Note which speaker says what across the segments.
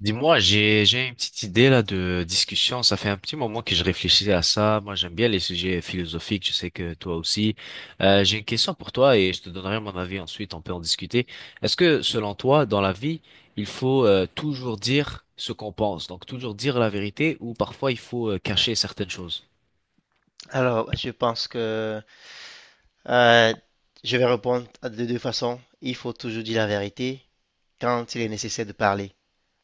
Speaker 1: Dis-moi, j'ai une petite idée là de discussion. Ça fait un petit moment que je réfléchissais à ça. Moi, j'aime bien les sujets philosophiques. Je sais que toi aussi. J'ai une question pour toi et je te donnerai mon avis ensuite. On peut en discuter. Est-ce que selon toi, dans la vie, il faut toujours dire ce qu'on pense, donc toujours dire la vérité, ou parfois il faut cacher certaines choses?
Speaker 2: Alors, je pense que euh, je vais répondre de deux façons. Il faut toujours dire la vérité quand il est nécessaire de parler.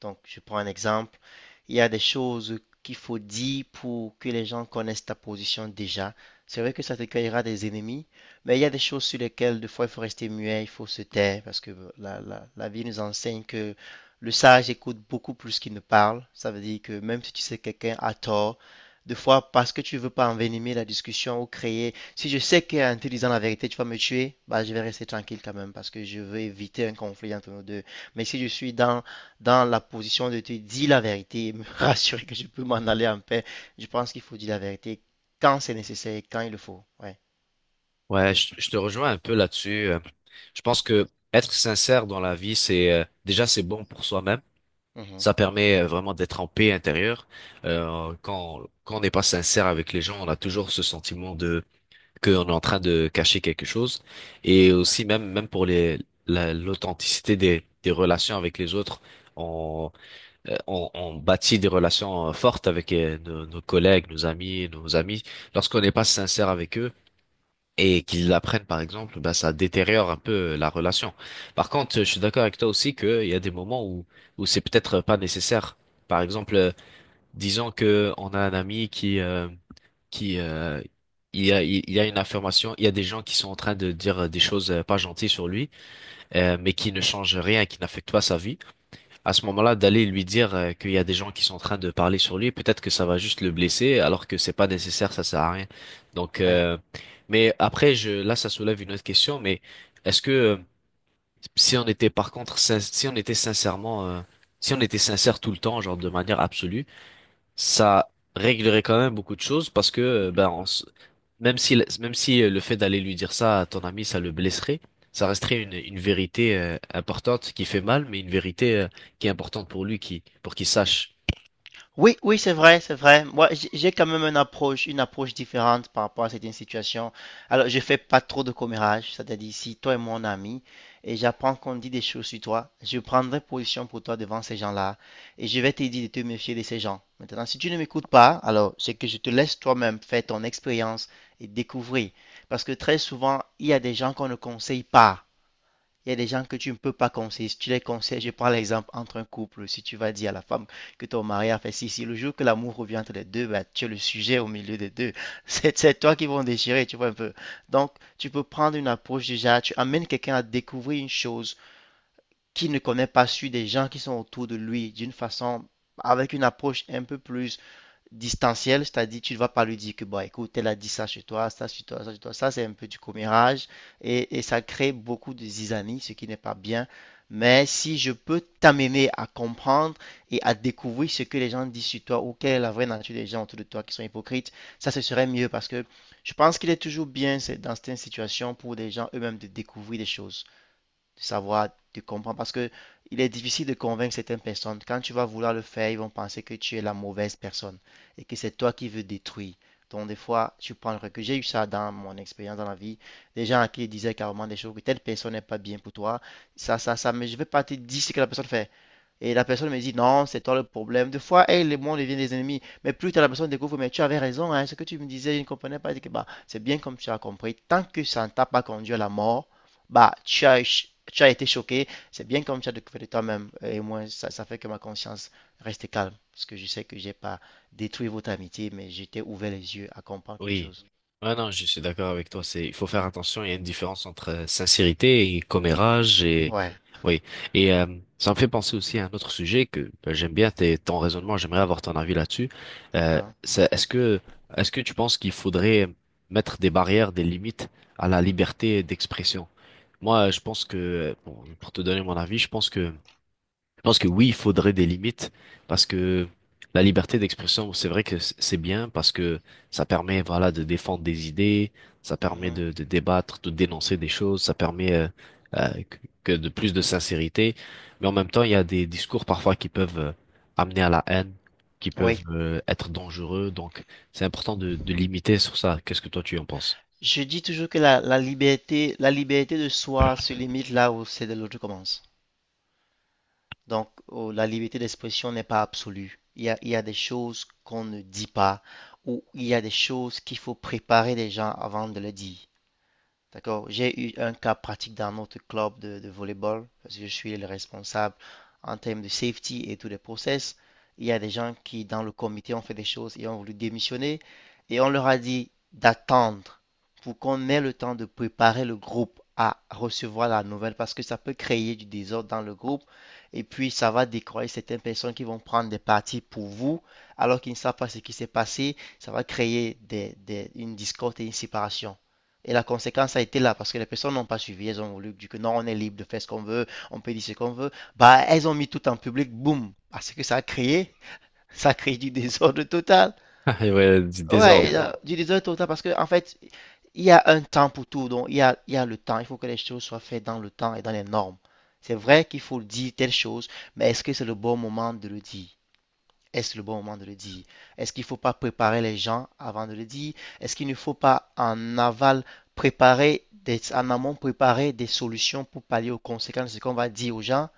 Speaker 2: Donc, je prends un exemple. Il y a des choses qu'il faut dire pour que les gens connaissent ta position déjà. C'est vrai que ça te créera des ennemis, mais il y a des choses sur lesquelles, des fois, il faut rester muet, il faut se taire, parce que la vie nous enseigne que le sage écoute beaucoup plus qu'il ne parle. Ça veut dire que même si tu sais que quelqu'un a tort, des fois, parce que tu veux pas envenimer la discussion ou créer. Si je sais qu'en te disant la vérité, tu vas me tuer, bah, je vais rester tranquille quand même parce que je veux éviter un conflit entre nous deux. Mais si je suis dans la position de te dire la vérité et me rassurer que je peux m'en aller en paix. Je pense qu'il faut dire la vérité quand c'est nécessaire, quand il le faut. Ouais.
Speaker 1: Ouais, je te rejoins un peu là-dessus. Je pense que être sincère dans la vie, c'est déjà c'est bon pour soi-même.
Speaker 2: Mhm.
Speaker 1: Ça permet vraiment d'être en paix intérieure. Quand on n'est pas sincère avec les gens, on a toujours ce sentiment de qu'on est en train de cacher quelque chose. Et
Speaker 2: Ouais.
Speaker 1: aussi même pour les l'authenticité des relations avec les autres, on on bâtit des relations fortes avec nos collègues, nos amis. Lorsqu'on n'est pas sincère avec eux et qu'ils l'apprennent par exemple, ben ça détériore un peu la relation. Par contre, je suis d'accord avec toi aussi qu'il y a des moments où où c'est peut-être pas nécessaire. Par exemple, disons que on a un ami qui il y a une affirmation, il y a des gens qui sont en train de dire des choses pas gentilles sur lui, mais qui ne changent rien, qui n'affectent pas sa vie. À ce moment-là d'aller lui dire qu'il y a des gens qui sont en train de parler sur lui, peut-être que ça va juste le blesser, alors que c'est pas nécessaire, ça sert à rien. Donc,
Speaker 2: Ouais.
Speaker 1: euh, mais après, ça soulève une autre question, mais est-ce que si on était par contre, si on était sincèrement, si on était sincère tout le temps, genre de manière absolue, ça réglerait quand même beaucoup de choses parce que ben même si même si le fait d'aller lui dire ça à ton ami ça le blesserait, ça resterait une vérité importante qui fait mal mais une vérité qui est importante pour lui qui pour qu'il sache.
Speaker 2: Oui, oui, c'est vrai, c'est vrai. Moi, j'ai quand même une approche différente par rapport à certaines situations. Alors, je fais pas trop de commérage, c'est-à-dire si toi et mon ami et j'apprends qu'on dit des choses sur toi, je prendrai position pour toi devant ces gens-là et je vais te dire de te méfier de ces gens. Maintenant, si tu ne m'écoutes pas, alors c'est que je te laisse toi-même faire ton expérience et découvrir. Parce que très souvent, il y a des gens qu'on ne conseille pas. Il y a des gens que tu ne peux pas conseiller. Si tu les conseilles, je prends l'exemple entre un couple. Si tu vas dire à la femme que ton mari a fait si, si, le jour que l'amour revient entre les deux, bah, tu es le sujet au milieu des deux. C'est toi qui vont déchirer, tu vois un peu. Donc, tu peux prendre une approche déjà. Tu amènes quelqu'un à découvrir une chose qu'il ne connaît pas sur des gens qui sont autour de lui d'une façon, avec une approche un peu plus distanciel, c'est-à-dire tu ne vas pas lui dire que, bon, écoute, elle a dit ça chez toi, ça chez toi, ça chez toi, ça c'est un peu du commérage et ça crée beaucoup de zizanie, ce qui n'est pas bien. Mais si je peux t'amener à comprendre et à découvrir ce que les gens disent sur toi ou quelle est la vraie nature des gens autour de toi qui sont hypocrites, ça ce serait mieux parce que je pense qu'il est toujours bien dans certaines situations pour les gens eux-mêmes de découvrir des choses de savoir, de comprendre. Parce que il est difficile de convaincre certaines personnes. Quand tu vas vouloir le faire, ils vont penser que tu es la mauvaise personne et que c'est toi qui veux détruire. Donc, des fois, tu prends le recul. J'ai eu ça dans mon expérience dans la vie. Des gens à qui disaient carrément des choses que telle personne n'est pas bien pour toi. Ça, mais je ne vais pas te dire ce que la personne fait. Et la personne me dit, non, c'est toi le problème. Des fois, elle et moi, on devient des ennemis. Mais plus tard, la personne découvre, mais tu avais raison, hein, ce que tu me disais, je ne comprenais pas. Je dis que, bah, c'est bien comme tu as compris. Tant que ça ne t'a pas conduit à la mort, bah, tu as été choqué. C'est bien comme tu as découvert de toi-même. Et moi, ça fait que ma conscience reste calme. Parce que je sais que j'ai pas détruit votre amitié, mais j'étais ouvert les yeux à comprendre quelque
Speaker 1: Oui.
Speaker 2: chose.
Speaker 1: Ah non, je suis d'accord avec toi. C'est, il faut faire
Speaker 2: Hein.
Speaker 1: attention. Il y a une différence entre sincérité et commérage et
Speaker 2: Ouais,
Speaker 1: oui. Et euh, Ça me fait penser aussi à un autre sujet que ben, j'aime bien ton raisonnement. J'aimerais avoir ton avis là-dessus. Euh,
Speaker 2: d'accord.
Speaker 1: Est-ce que est-ce que tu penses qu'il faudrait mettre des barrières, des limites à la liberté d'expression? Moi, je pense que, bon, pour te donner mon avis, je pense que oui, il faudrait des limites parce que la liberté d'expression, c'est vrai que c'est bien parce que ça permet, voilà, de défendre des idées, ça permet
Speaker 2: Mhm.
Speaker 1: de débattre, de dénoncer des choses, ça permet que que de plus de sincérité. Mais en même temps, il y a des discours parfois qui peuvent amener à la haine, qui peuvent
Speaker 2: Oui.
Speaker 1: être dangereux. Donc, c'est important de limiter sur ça. Qu'est-ce que toi tu en penses?
Speaker 2: Je dis toujours que la liberté, la liberté de soi se limite là où c'est de l'autre commence. Donc, oh, la liberté d'expression n'est pas absolue. Il y a des choses qu'on ne dit pas ou il y a des choses qu'il faut préparer les gens avant de le dire. D'accord. J'ai eu un cas pratique dans notre club de volleyball parce que je suis le responsable en termes de safety et tous les process. Il y a des gens qui, dans le comité, ont fait des choses et ont voulu démissionner et on leur a dit d'attendre pour qu'on ait le temps de préparer le groupe à recevoir la nouvelle parce que ça peut créer du désordre dans le groupe et puis ça va décroyer certaines personnes qui vont prendre des parties pour vous alors qu'ils ne savent pas ce qui s'est passé. Ça va créer une discorde et une séparation. Et la conséquence a été là parce que les personnes n'ont pas suivi. Elles ont voulu, du coup, non, on est libre de faire ce qu'on veut, on peut dire ce qu'on veut. Bah, elles ont mis tout en public, boum. Parce que ça a créé, ça a créé du désordre total.
Speaker 1: Ah, et ouais, du
Speaker 2: Ouais,
Speaker 1: désordre.
Speaker 2: du désordre total parce que, en fait, il y a un temps pour tout. Donc, il y a le temps. Il faut que les choses soient faites dans le temps et dans les normes. C'est vrai qu'il faut dire telle chose, mais est-ce que c'est le bon moment de le dire? Est-ce le bon moment de le dire? Est-ce qu'il ne faut pas préparer les gens avant de le dire? Est-ce qu'il ne faut pas en aval préparer des, en amont préparer des solutions pour pallier aux conséquences de ce qu'on va dire aux gens?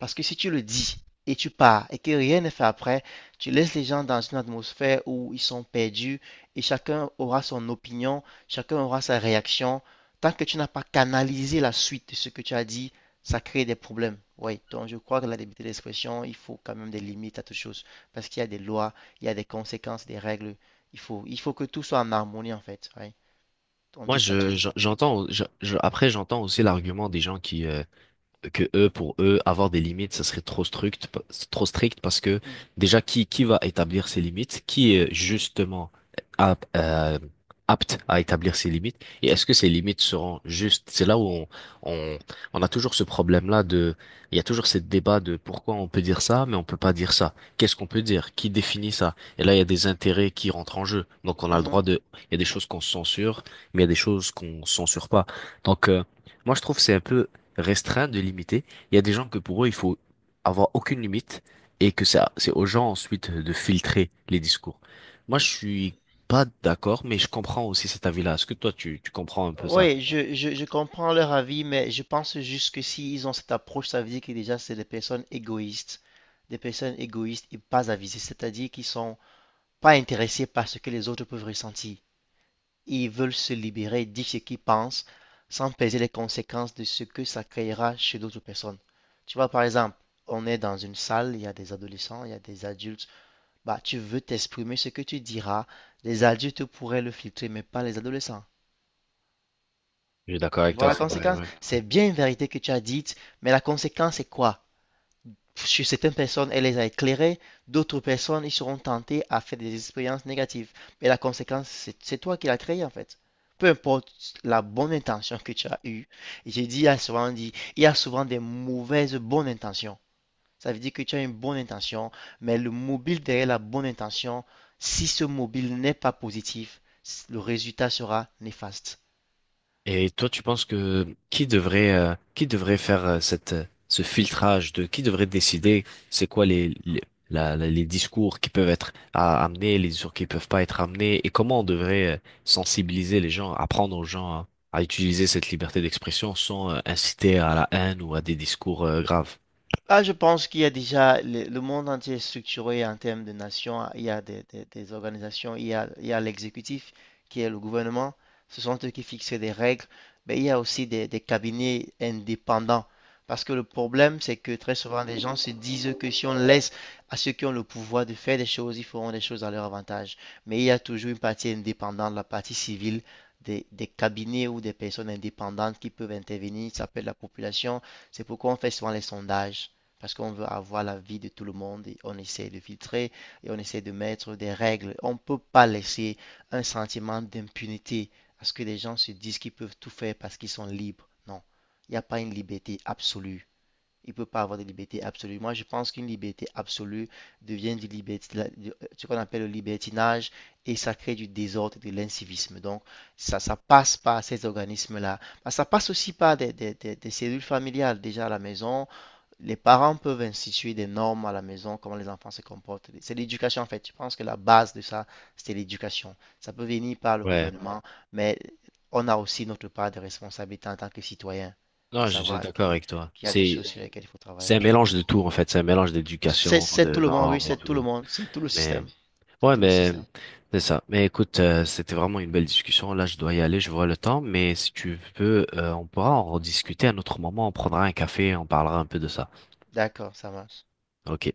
Speaker 2: Parce que si tu le dis et tu pars et que rien n'est fait après, tu laisses les gens dans une atmosphère où ils sont perdus et chacun aura son opinion, chacun aura sa réaction. Tant que tu n'as pas canalisé la suite de ce que tu as dit, ça crée des problèmes. Oui, donc je crois que la liberté d'expression, il faut quand même des limites à toute chose parce qu'il y a des lois, il y a des conséquences, des règles. Il faut que tout soit en harmonie en fait. Ouais. On ne
Speaker 1: Moi,
Speaker 2: dit pas tout.
Speaker 1: j'entends, après, j'entends aussi l'argument des gens qui, que eux, pour eux, avoir des limites, ça serait trop strict, trop strict parce que
Speaker 2: Mhm.
Speaker 1: déjà, qui va établir ces limites? Qui est justement ap- euh, apte à établir ces limites? Et est-ce que ces limites seront justes? C'est là où on, on a toujours ce problème-là de, il y a toujours ce débat de pourquoi on peut dire ça, mais on peut pas dire ça. Qu'est-ce qu'on peut dire? Qui définit ça? Et là, il y a des intérêts qui rentrent en jeu. Donc, on a le droit
Speaker 2: Mhm.
Speaker 1: de, il y a des choses qu'on censure, mais il y a des choses qu'on censure pas. Donc, euh, Moi, je trouve que c'est un peu restreindre, de limiter. Il y a des gens que pour eux, il faut avoir aucune limite et que ça, c'est aux gens ensuite de filtrer les discours. Moi, je suis pas d'accord, mais je comprends aussi cet avis-là. Est-ce que toi, tu comprends un peu ça?
Speaker 2: Oui, je comprends leur avis, mais je pense juste que s'ils ont cette approche, ça veut dire que déjà, c'est des personnes égoïstes. Des personnes égoïstes et pas avisées, c'est-à-dire qu'ils sont pas intéressés par ce que les autres peuvent ressentir. Ils veulent se libérer, dire ce qu'ils pensent, sans peser les conséquences de ce que ça créera chez d'autres personnes. Tu vois, par exemple, on est dans une salle, il y a des adolescents, il y a des adultes. Bah, tu veux t'exprimer ce que tu diras. Les adultes pourraient le filtrer, mais pas les adolescents.
Speaker 1: Je suis d'accord
Speaker 2: Tu
Speaker 1: avec
Speaker 2: vois
Speaker 1: toi,
Speaker 2: la
Speaker 1: c'est vrai,
Speaker 2: conséquence?
Speaker 1: ouais.
Speaker 2: C'est bien une vérité que tu as dite, mais la conséquence c'est quoi? Sur certaines personnes, elle les a éclairées, d'autres personnes, ils seront tentés à faire des expériences négatives. Mais la conséquence, c'est toi qui l'as créée en fait. Peu importe la bonne intention que tu as eue, et j'ai dit, il y a souvent des mauvaises bonnes intentions. Ça veut dire que tu as une bonne intention, mais le mobile derrière la bonne intention, si ce mobile n'est pas positif, le résultat sera néfaste.
Speaker 1: Et toi, tu penses que qui devrait faire cette ce filtrage de qui devrait décider c'est quoi les discours qui peuvent être à, amenés, les discours qui peuvent pas être amenés et comment on devrait sensibiliser les gens, apprendre aux gens à utiliser cette liberté d'expression sans inciter à la haine ou à des discours graves.
Speaker 2: Ah, je pense qu'il y a déjà le monde entier est structuré en termes de nations. Il y a des organisations, il y a l'exécutif qui est le gouvernement. Ce sont eux qui fixent des règles. Mais il y a aussi des cabinets indépendants. Parce que le problème, c'est que très souvent, les gens se disent que si on laisse à ceux qui ont le pouvoir de faire des choses, ils feront des choses à leur avantage. Mais il y a toujours une partie indépendante, la partie civile, des cabinets ou des personnes indépendantes qui peuvent intervenir. Ça peut être la population. C'est pourquoi on fait souvent les sondages. Parce qu'on veut avoir la vie de tout le monde et on essaie de filtrer et on essaie de mettre des règles. On ne peut pas laisser un sentiment d'impunité à ce que les gens se disent qu'ils peuvent tout faire parce qu'ils sont libres. Non, il n'y a pas une liberté absolue. Il ne peut pas avoir de liberté absolue. Moi, je pense qu'une liberté absolue devient du liberti- ce qu'on appelle le libertinage et ça crée du désordre et de l'incivisme. Donc, ça passe par ces organismes-là. Bah, ça passe aussi par des cellules familiales déjà à la maison, les parents peuvent instituer des normes à la maison, comment les enfants se comportent. C'est l'éducation en fait. Je pense que la base de ça, c'est l'éducation. Ça peut venir par le
Speaker 1: Ouais.
Speaker 2: gouvernement, mais on a aussi notre part de responsabilité en tant que citoyen,
Speaker 1: Non,
Speaker 2: de
Speaker 1: je suis
Speaker 2: savoir Ouais.
Speaker 1: d'accord avec toi.
Speaker 2: Qu'il y a des
Speaker 1: C'est
Speaker 2: choses sur lesquelles il faut
Speaker 1: c'est un
Speaker 2: travailler.
Speaker 1: mélange de tout en fait, c'est un mélange d'éducation,
Speaker 2: C'est tout
Speaker 1: de
Speaker 2: le monde, oui,
Speaker 1: normes et
Speaker 2: c'est tout le
Speaker 1: tout.
Speaker 2: monde, c'est tout le
Speaker 1: Mais
Speaker 2: système. C'est
Speaker 1: Ouais,
Speaker 2: tout le
Speaker 1: mais
Speaker 2: système.
Speaker 1: c'est ça. Mais écoute, c'était vraiment une belle discussion. Là, je dois y aller, je vois le temps. Mais si tu veux, on pourra en rediscuter à un autre moment. On prendra un café, on parlera un peu de ça.
Speaker 2: D'accord, ça marche.
Speaker 1: Ok?